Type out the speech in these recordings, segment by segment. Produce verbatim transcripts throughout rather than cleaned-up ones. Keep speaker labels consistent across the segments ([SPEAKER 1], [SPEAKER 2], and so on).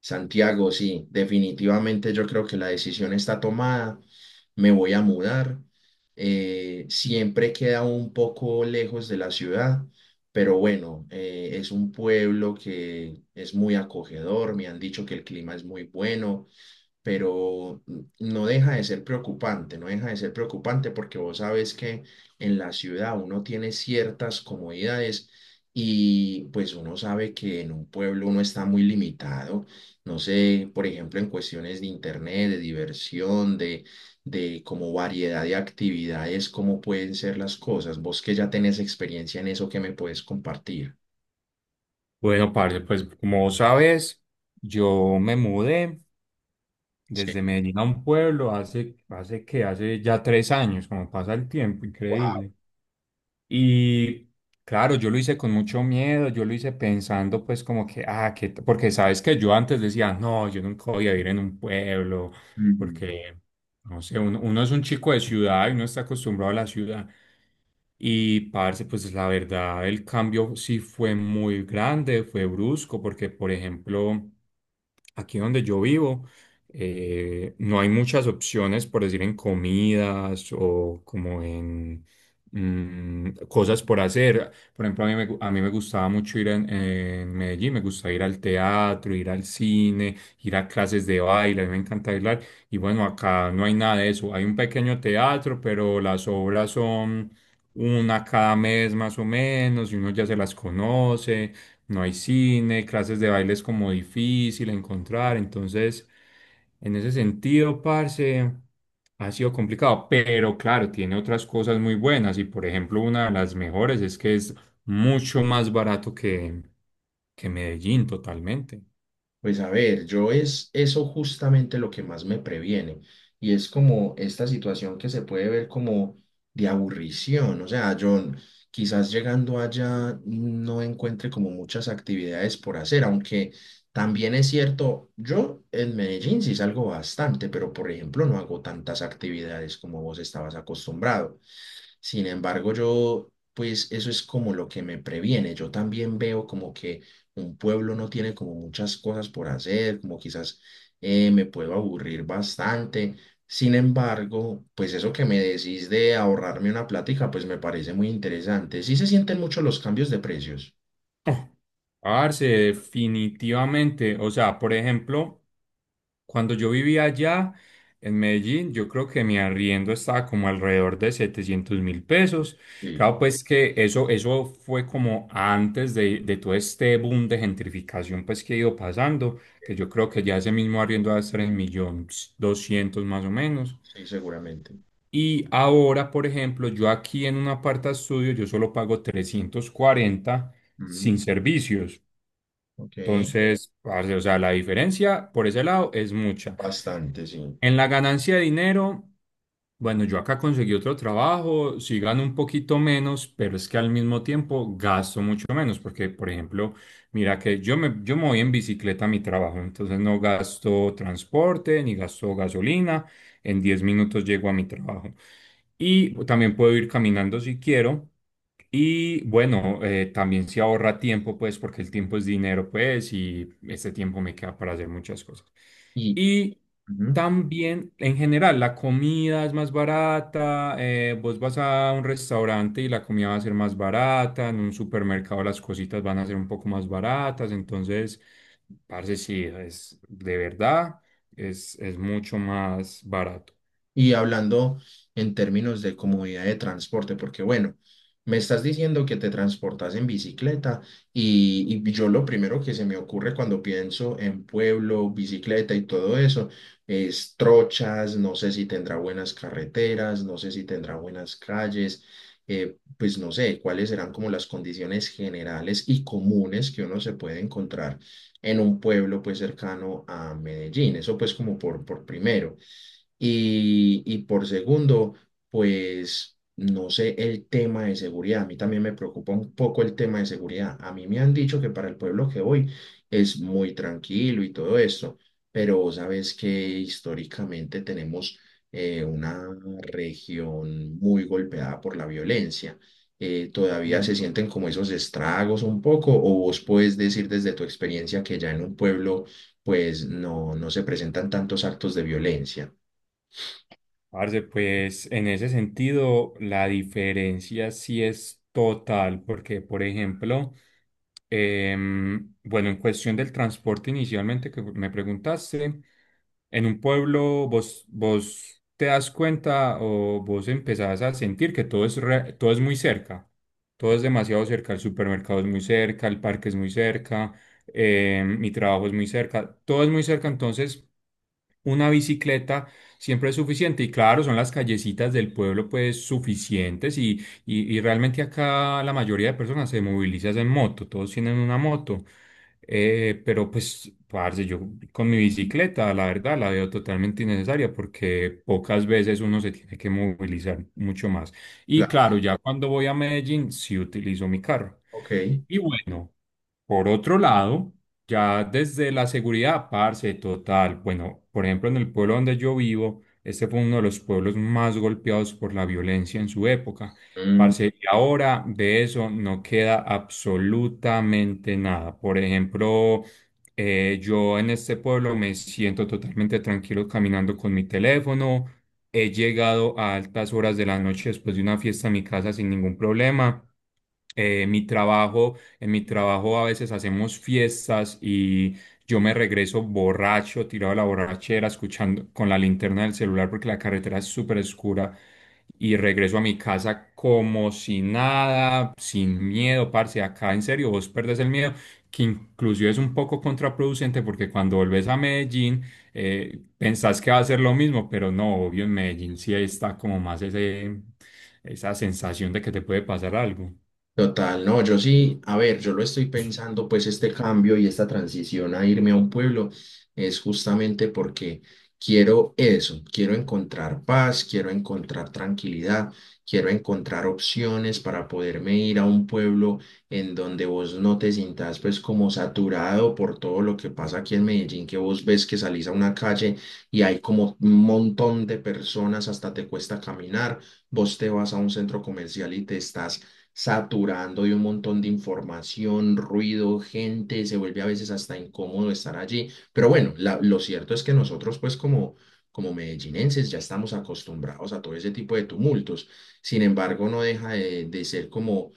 [SPEAKER 1] Santiago, sí, definitivamente yo creo que la decisión está tomada, me voy a mudar. Eh, siempre queda un poco lejos de la ciudad, pero bueno, eh, es un pueblo que es muy acogedor, me han dicho que el clima es muy bueno, pero no deja de ser preocupante, no deja de ser preocupante porque vos sabes que en la ciudad uno tiene ciertas comodidades y pues uno sabe que en un pueblo uno está muy limitado, no sé, por ejemplo, en cuestiones de internet, de diversión, de, de como variedad de actividades, cómo pueden ser las cosas. Vos que ya tenés experiencia en eso, ¿qué me puedes compartir?
[SPEAKER 2] Bueno, parce, pues como vos sabes, yo me mudé desde Medellín a un pueblo hace, hace que hace ya tres años, como pasa el tiempo, increíble. Y claro, yo lo hice con mucho miedo, yo lo hice pensando pues como que, ah, que, porque sabes que yo antes decía, no, yo nunca voy a vivir en un pueblo,
[SPEAKER 1] Sí.
[SPEAKER 2] porque, no sé, uno, uno es un chico de ciudad y uno está acostumbrado a la ciudad. Y parce, pues la verdad, el cambio sí fue muy grande, fue brusco, porque por ejemplo, aquí donde yo vivo, eh, no hay muchas opciones, por decir, en comidas o como en mm, cosas por hacer. Por ejemplo, a mí me, gu- a mí me gustaba mucho ir en, en Medellín, me gustaba ir al teatro, ir al cine, ir a clases de baile, a mí me encanta bailar. Y bueno, acá no hay nada de eso. Hay un pequeño teatro, pero las obras son una cada mes más o menos, y uno ya se las conoce. No hay cine, clases de baile es como difícil encontrar, entonces en ese sentido, parce, ha sido complicado, pero claro, tiene otras cosas muy buenas y por ejemplo una de las mejores es que es mucho más barato que, que Medellín totalmente.
[SPEAKER 1] Pues a ver, yo es eso justamente lo que más me previene y es como esta situación que se puede ver como de aburrición, o sea, yo n- quizás llegando allá no encuentre como muchas actividades por hacer, aunque también es cierto, yo en Medellín sí salgo bastante, pero por ejemplo no hago tantas actividades como vos estabas acostumbrado. Sin embargo, yo, pues eso es como lo que me previene. Yo también veo como que un pueblo no tiene como muchas cosas por hacer, como quizás eh, me puedo aburrir bastante. Sin embargo, pues eso que me decís de ahorrarme una plática, pues me parece muy interesante. Sí se sienten mucho los cambios de precios.
[SPEAKER 2] Parce, definitivamente, o sea, por ejemplo. Cuando yo vivía allá en Medellín, yo creo que mi arriendo estaba como alrededor de setecientos mil pesos.
[SPEAKER 1] Sí,
[SPEAKER 2] Claro, pues que eso, eso fue como antes de, de todo este boom de gentrificación pues que ha ido pasando, que yo creo que ya ese mismo arriendo va a estar en millones doscientos más o menos.
[SPEAKER 1] sí, seguramente.
[SPEAKER 2] Y ahora, por ejemplo, yo aquí en un aparta estudio, yo solo pago trescientos cuarenta sin
[SPEAKER 1] Mm,
[SPEAKER 2] servicios.
[SPEAKER 1] ok,
[SPEAKER 2] Entonces, parce, o sea, la diferencia por ese lado es mucha.
[SPEAKER 1] bastante, sí.
[SPEAKER 2] En la ganancia de dinero, bueno, yo acá conseguí otro trabajo, sí gano un poquito menos, pero es que al mismo tiempo gasto mucho menos, porque, por ejemplo, mira que yo me, yo me voy en bicicleta a mi trabajo, entonces no gasto transporte ni gasto gasolina, en diez minutos llego a mi trabajo. Y también puedo ir caminando si quiero. Y bueno, eh, también se ahorra tiempo, pues, porque el tiempo es dinero, pues, y este tiempo me queda para hacer muchas cosas.
[SPEAKER 1] Y,
[SPEAKER 2] Y
[SPEAKER 1] ujú.
[SPEAKER 2] también, en general, la comida es más barata. eh, vos vas a un restaurante y la comida va a ser más barata. En un supermercado las cositas van a ser un poco más baratas. Entonces, parce, sí, es de verdad, es, es mucho más barato.
[SPEAKER 1] Y hablando en términos de comodidad de transporte, porque bueno, me estás diciendo que te transportas en bicicleta y, y yo lo primero que se me ocurre cuando pienso en pueblo, bicicleta y todo eso es trochas, no sé si tendrá buenas carreteras, no sé si tendrá buenas calles, eh, pues no sé cuáles serán como las condiciones generales y comunes que uno se puede encontrar en un pueblo pues cercano a Medellín, eso pues como por, por primero. Y, y por segundo, pues no sé el tema de seguridad. A mí también me preocupa un poco el tema de seguridad. A mí me han dicho que para el pueblo que voy es muy tranquilo y todo esto, pero vos sabes que históricamente tenemos eh, una región muy golpeada por la violencia. Eh, ¿todavía se sienten como esos estragos un poco? ¿O vos puedes decir desde tu experiencia que ya en un pueblo pues no, no se presentan tantos actos de violencia?
[SPEAKER 2] Parce, pues en ese sentido la diferencia sí es total, porque por ejemplo, em, bueno, en cuestión del transporte inicialmente que me preguntaste, en un pueblo vos, vos te das cuenta o vos empezás a sentir que todo es, re- todo es muy cerca, todo es demasiado cerca, el supermercado es muy cerca, el parque es muy cerca, em, mi trabajo es muy cerca, todo es muy cerca, entonces una bicicleta siempre es suficiente y claro, son las callecitas del pueblo pues suficientes y, y, y realmente acá la mayoría de personas se movilizan en moto, todos tienen una moto. Eh, pero pues parce, yo con mi bicicleta la verdad la veo totalmente innecesaria porque pocas veces uno se tiene que movilizar mucho más. Y
[SPEAKER 1] Claro,
[SPEAKER 2] claro, ya cuando voy a Medellín sí utilizo mi carro.
[SPEAKER 1] ok.
[SPEAKER 2] Y bueno, por otro lado. Ya desde la seguridad, parce, total. Bueno, por ejemplo, en el pueblo donde yo vivo, este fue uno de los pueblos más golpeados por la violencia en su época.
[SPEAKER 1] Mm.
[SPEAKER 2] Parce, y ahora de eso no queda absolutamente nada. Por ejemplo, eh, yo en este pueblo me siento totalmente tranquilo caminando con mi teléfono. He llegado a altas horas de la noche después de una fiesta a mi casa sin ningún problema. Eh, mi trabajo en mi trabajo a veces hacemos fiestas y yo me regreso borracho, tirado a la borrachera, escuchando con la linterna del celular porque la carretera es súper oscura y regreso a mi casa como si nada, sin miedo, parce. Acá en serio, vos perdés el miedo, que inclusive es un poco contraproducente porque cuando volvés a Medellín eh, pensás que va a ser lo mismo, pero no, obvio en Medellín sí está como más ese, esa sensación de que te puede pasar algo.
[SPEAKER 1] Total, no, yo sí, a ver, yo lo estoy pensando, pues este cambio y esta transición a irme a un pueblo es justamente porque quiero eso, quiero encontrar paz, quiero encontrar tranquilidad, quiero encontrar opciones para poderme ir a un pueblo en donde vos no te sientas pues como saturado por todo lo que pasa aquí en Medellín, que vos ves que salís a una calle y hay como un montón de personas, hasta te cuesta caminar, vos te vas a un centro comercial y te estás saturando de un montón de información, ruido, gente, se vuelve a veces hasta incómodo estar allí. Pero bueno, la- lo cierto es que nosotros pues como, como medellinenses ya estamos acostumbrados a todo ese tipo de tumultos. Sin embargo, no deja de, de ser como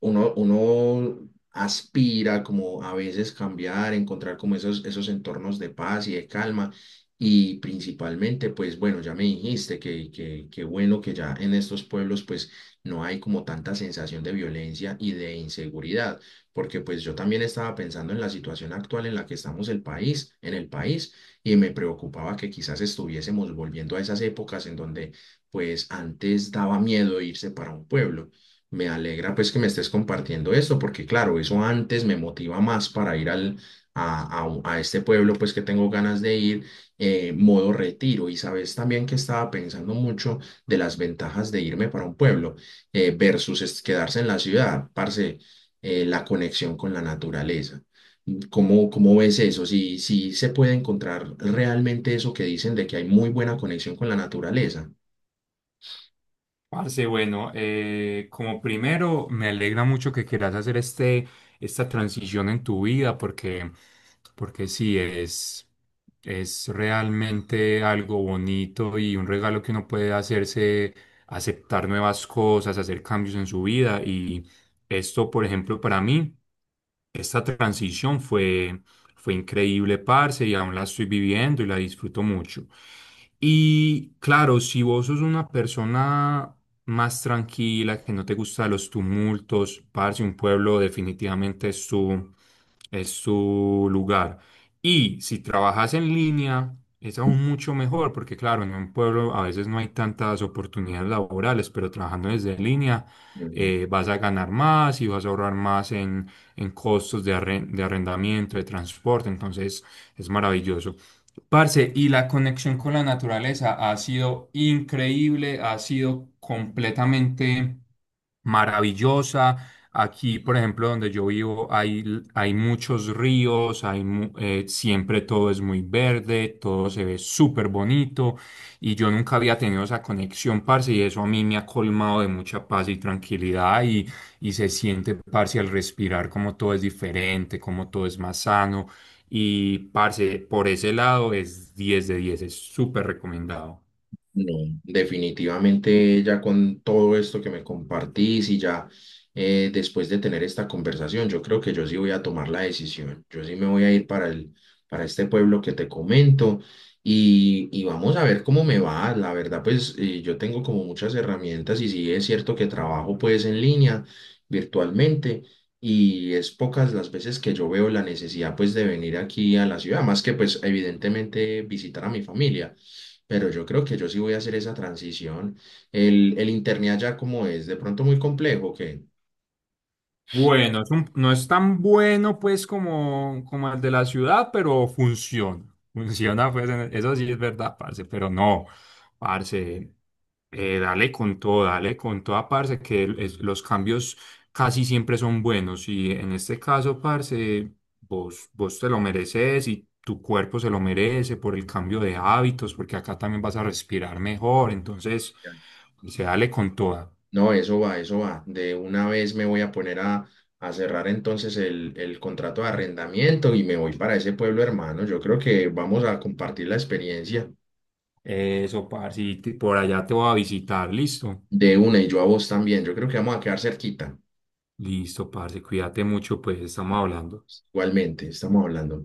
[SPEAKER 1] uno, uno aspira como a veces cambiar, encontrar como esos, esos entornos de paz y de calma. Y principalmente, pues bueno, ya me dijiste que, que, que bueno que ya en estos pueblos pues no hay como tanta sensación de violencia y de inseguridad, porque pues yo también estaba pensando en la situación actual en la que estamos el país, en el país, y me preocupaba que quizás estuviésemos volviendo a esas épocas en donde pues antes daba miedo irse para un pueblo. Me alegra pues que me estés compartiendo esto, porque claro, eso antes me motiva más para ir al, a, a, un- a este pueblo pues que tengo ganas de ir, eh, modo retiro. Y sabes también que estaba pensando mucho de las ventajas de irme para un pueblo eh, versus es- quedarse en la ciudad, parce, eh, la conexión con la naturaleza. ¿Cómo, ¿cómo ves eso? Si, si se puede encontrar realmente eso que dicen de que hay muy buena conexión con la naturaleza.
[SPEAKER 2] Parce, bueno, eh, como primero, me alegra mucho que quieras hacer este, esta transición en tu vida porque, porque sí, es, es realmente algo bonito y un regalo que uno puede hacerse, aceptar nuevas cosas, hacer cambios en su vida. Y esto, por ejemplo, para mí, esta transición fue, fue increíble, parce, y aún la estoy viviendo y la disfruto mucho. Y claro, si vos sos una persona más tranquila, que no te gusta los tumultos, parce, un pueblo definitivamente es su, es su lugar. Y si trabajas en línea, es aún mucho mejor, porque claro, en un pueblo a veces no hay tantas oportunidades laborales, pero trabajando desde línea eh, vas a ganar más y vas a ahorrar más en, en costos de, arren- de arrendamiento, de transporte, entonces es maravilloso. Parce, y la conexión con la naturaleza ha sido increíble, ha sido completamente maravillosa. Aquí, por ejemplo, donde yo vivo, hay, hay muchos ríos, hay, mu- eh, siempre todo es muy verde, todo se ve súper bonito y yo nunca había tenido esa conexión, parce, y eso a mí me ha colmado de mucha paz y tranquilidad y, y se siente, parce, al respirar como todo es diferente, como todo es más sano y parce, por ese lado es diez de diez, es súper recomendado.
[SPEAKER 1] No, definitivamente ya con todo esto que me compartís y ya eh, después de tener esta conversación, yo creo que yo sí voy a tomar la decisión. Yo sí me voy a ir para el, para este pueblo que te comento y, y vamos a ver cómo me va. La verdad, pues eh, yo tengo como muchas herramientas y sí es cierto que trabajo pues en línea, virtualmente. Y es pocas las veces que yo veo la necesidad pues de venir aquí a la ciudad, más que pues evidentemente visitar a mi familia, pero yo creo que yo sí voy a hacer esa transición. El, el internet ya como es de pronto muy complejo, que
[SPEAKER 2] Bueno, es un- no es tan bueno pues como, como el de la ciudad, pero funciona. Funciona, pues en- eso sí es verdad, parce, pero no, parce, eh, dale con todo, dale con toda, parce, que el- es- los cambios casi siempre son buenos y en este caso, parce, vos, vos te lo mereces y tu cuerpo se lo merece por el cambio de hábitos, porque acá también vas a respirar mejor, entonces, pues, se dale con toda.
[SPEAKER 1] no, eso va, eso va. De una vez me voy a poner a, a cerrar entonces el, el contrato de arrendamiento y me voy para ese pueblo hermano. Yo creo que vamos a compartir la experiencia
[SPEAKER 2] Eso, parce, y te- por allá te voy a visitar, listo.
[SPEAKER 1] de una y yo a vos también. Yo creo que vamos a quedar cerquita.
[SPEAKER 2] Listo, parce, cuídate mucho, pues estamos hablando.
[SPEAKER 1] Igualmente, estamos hablando.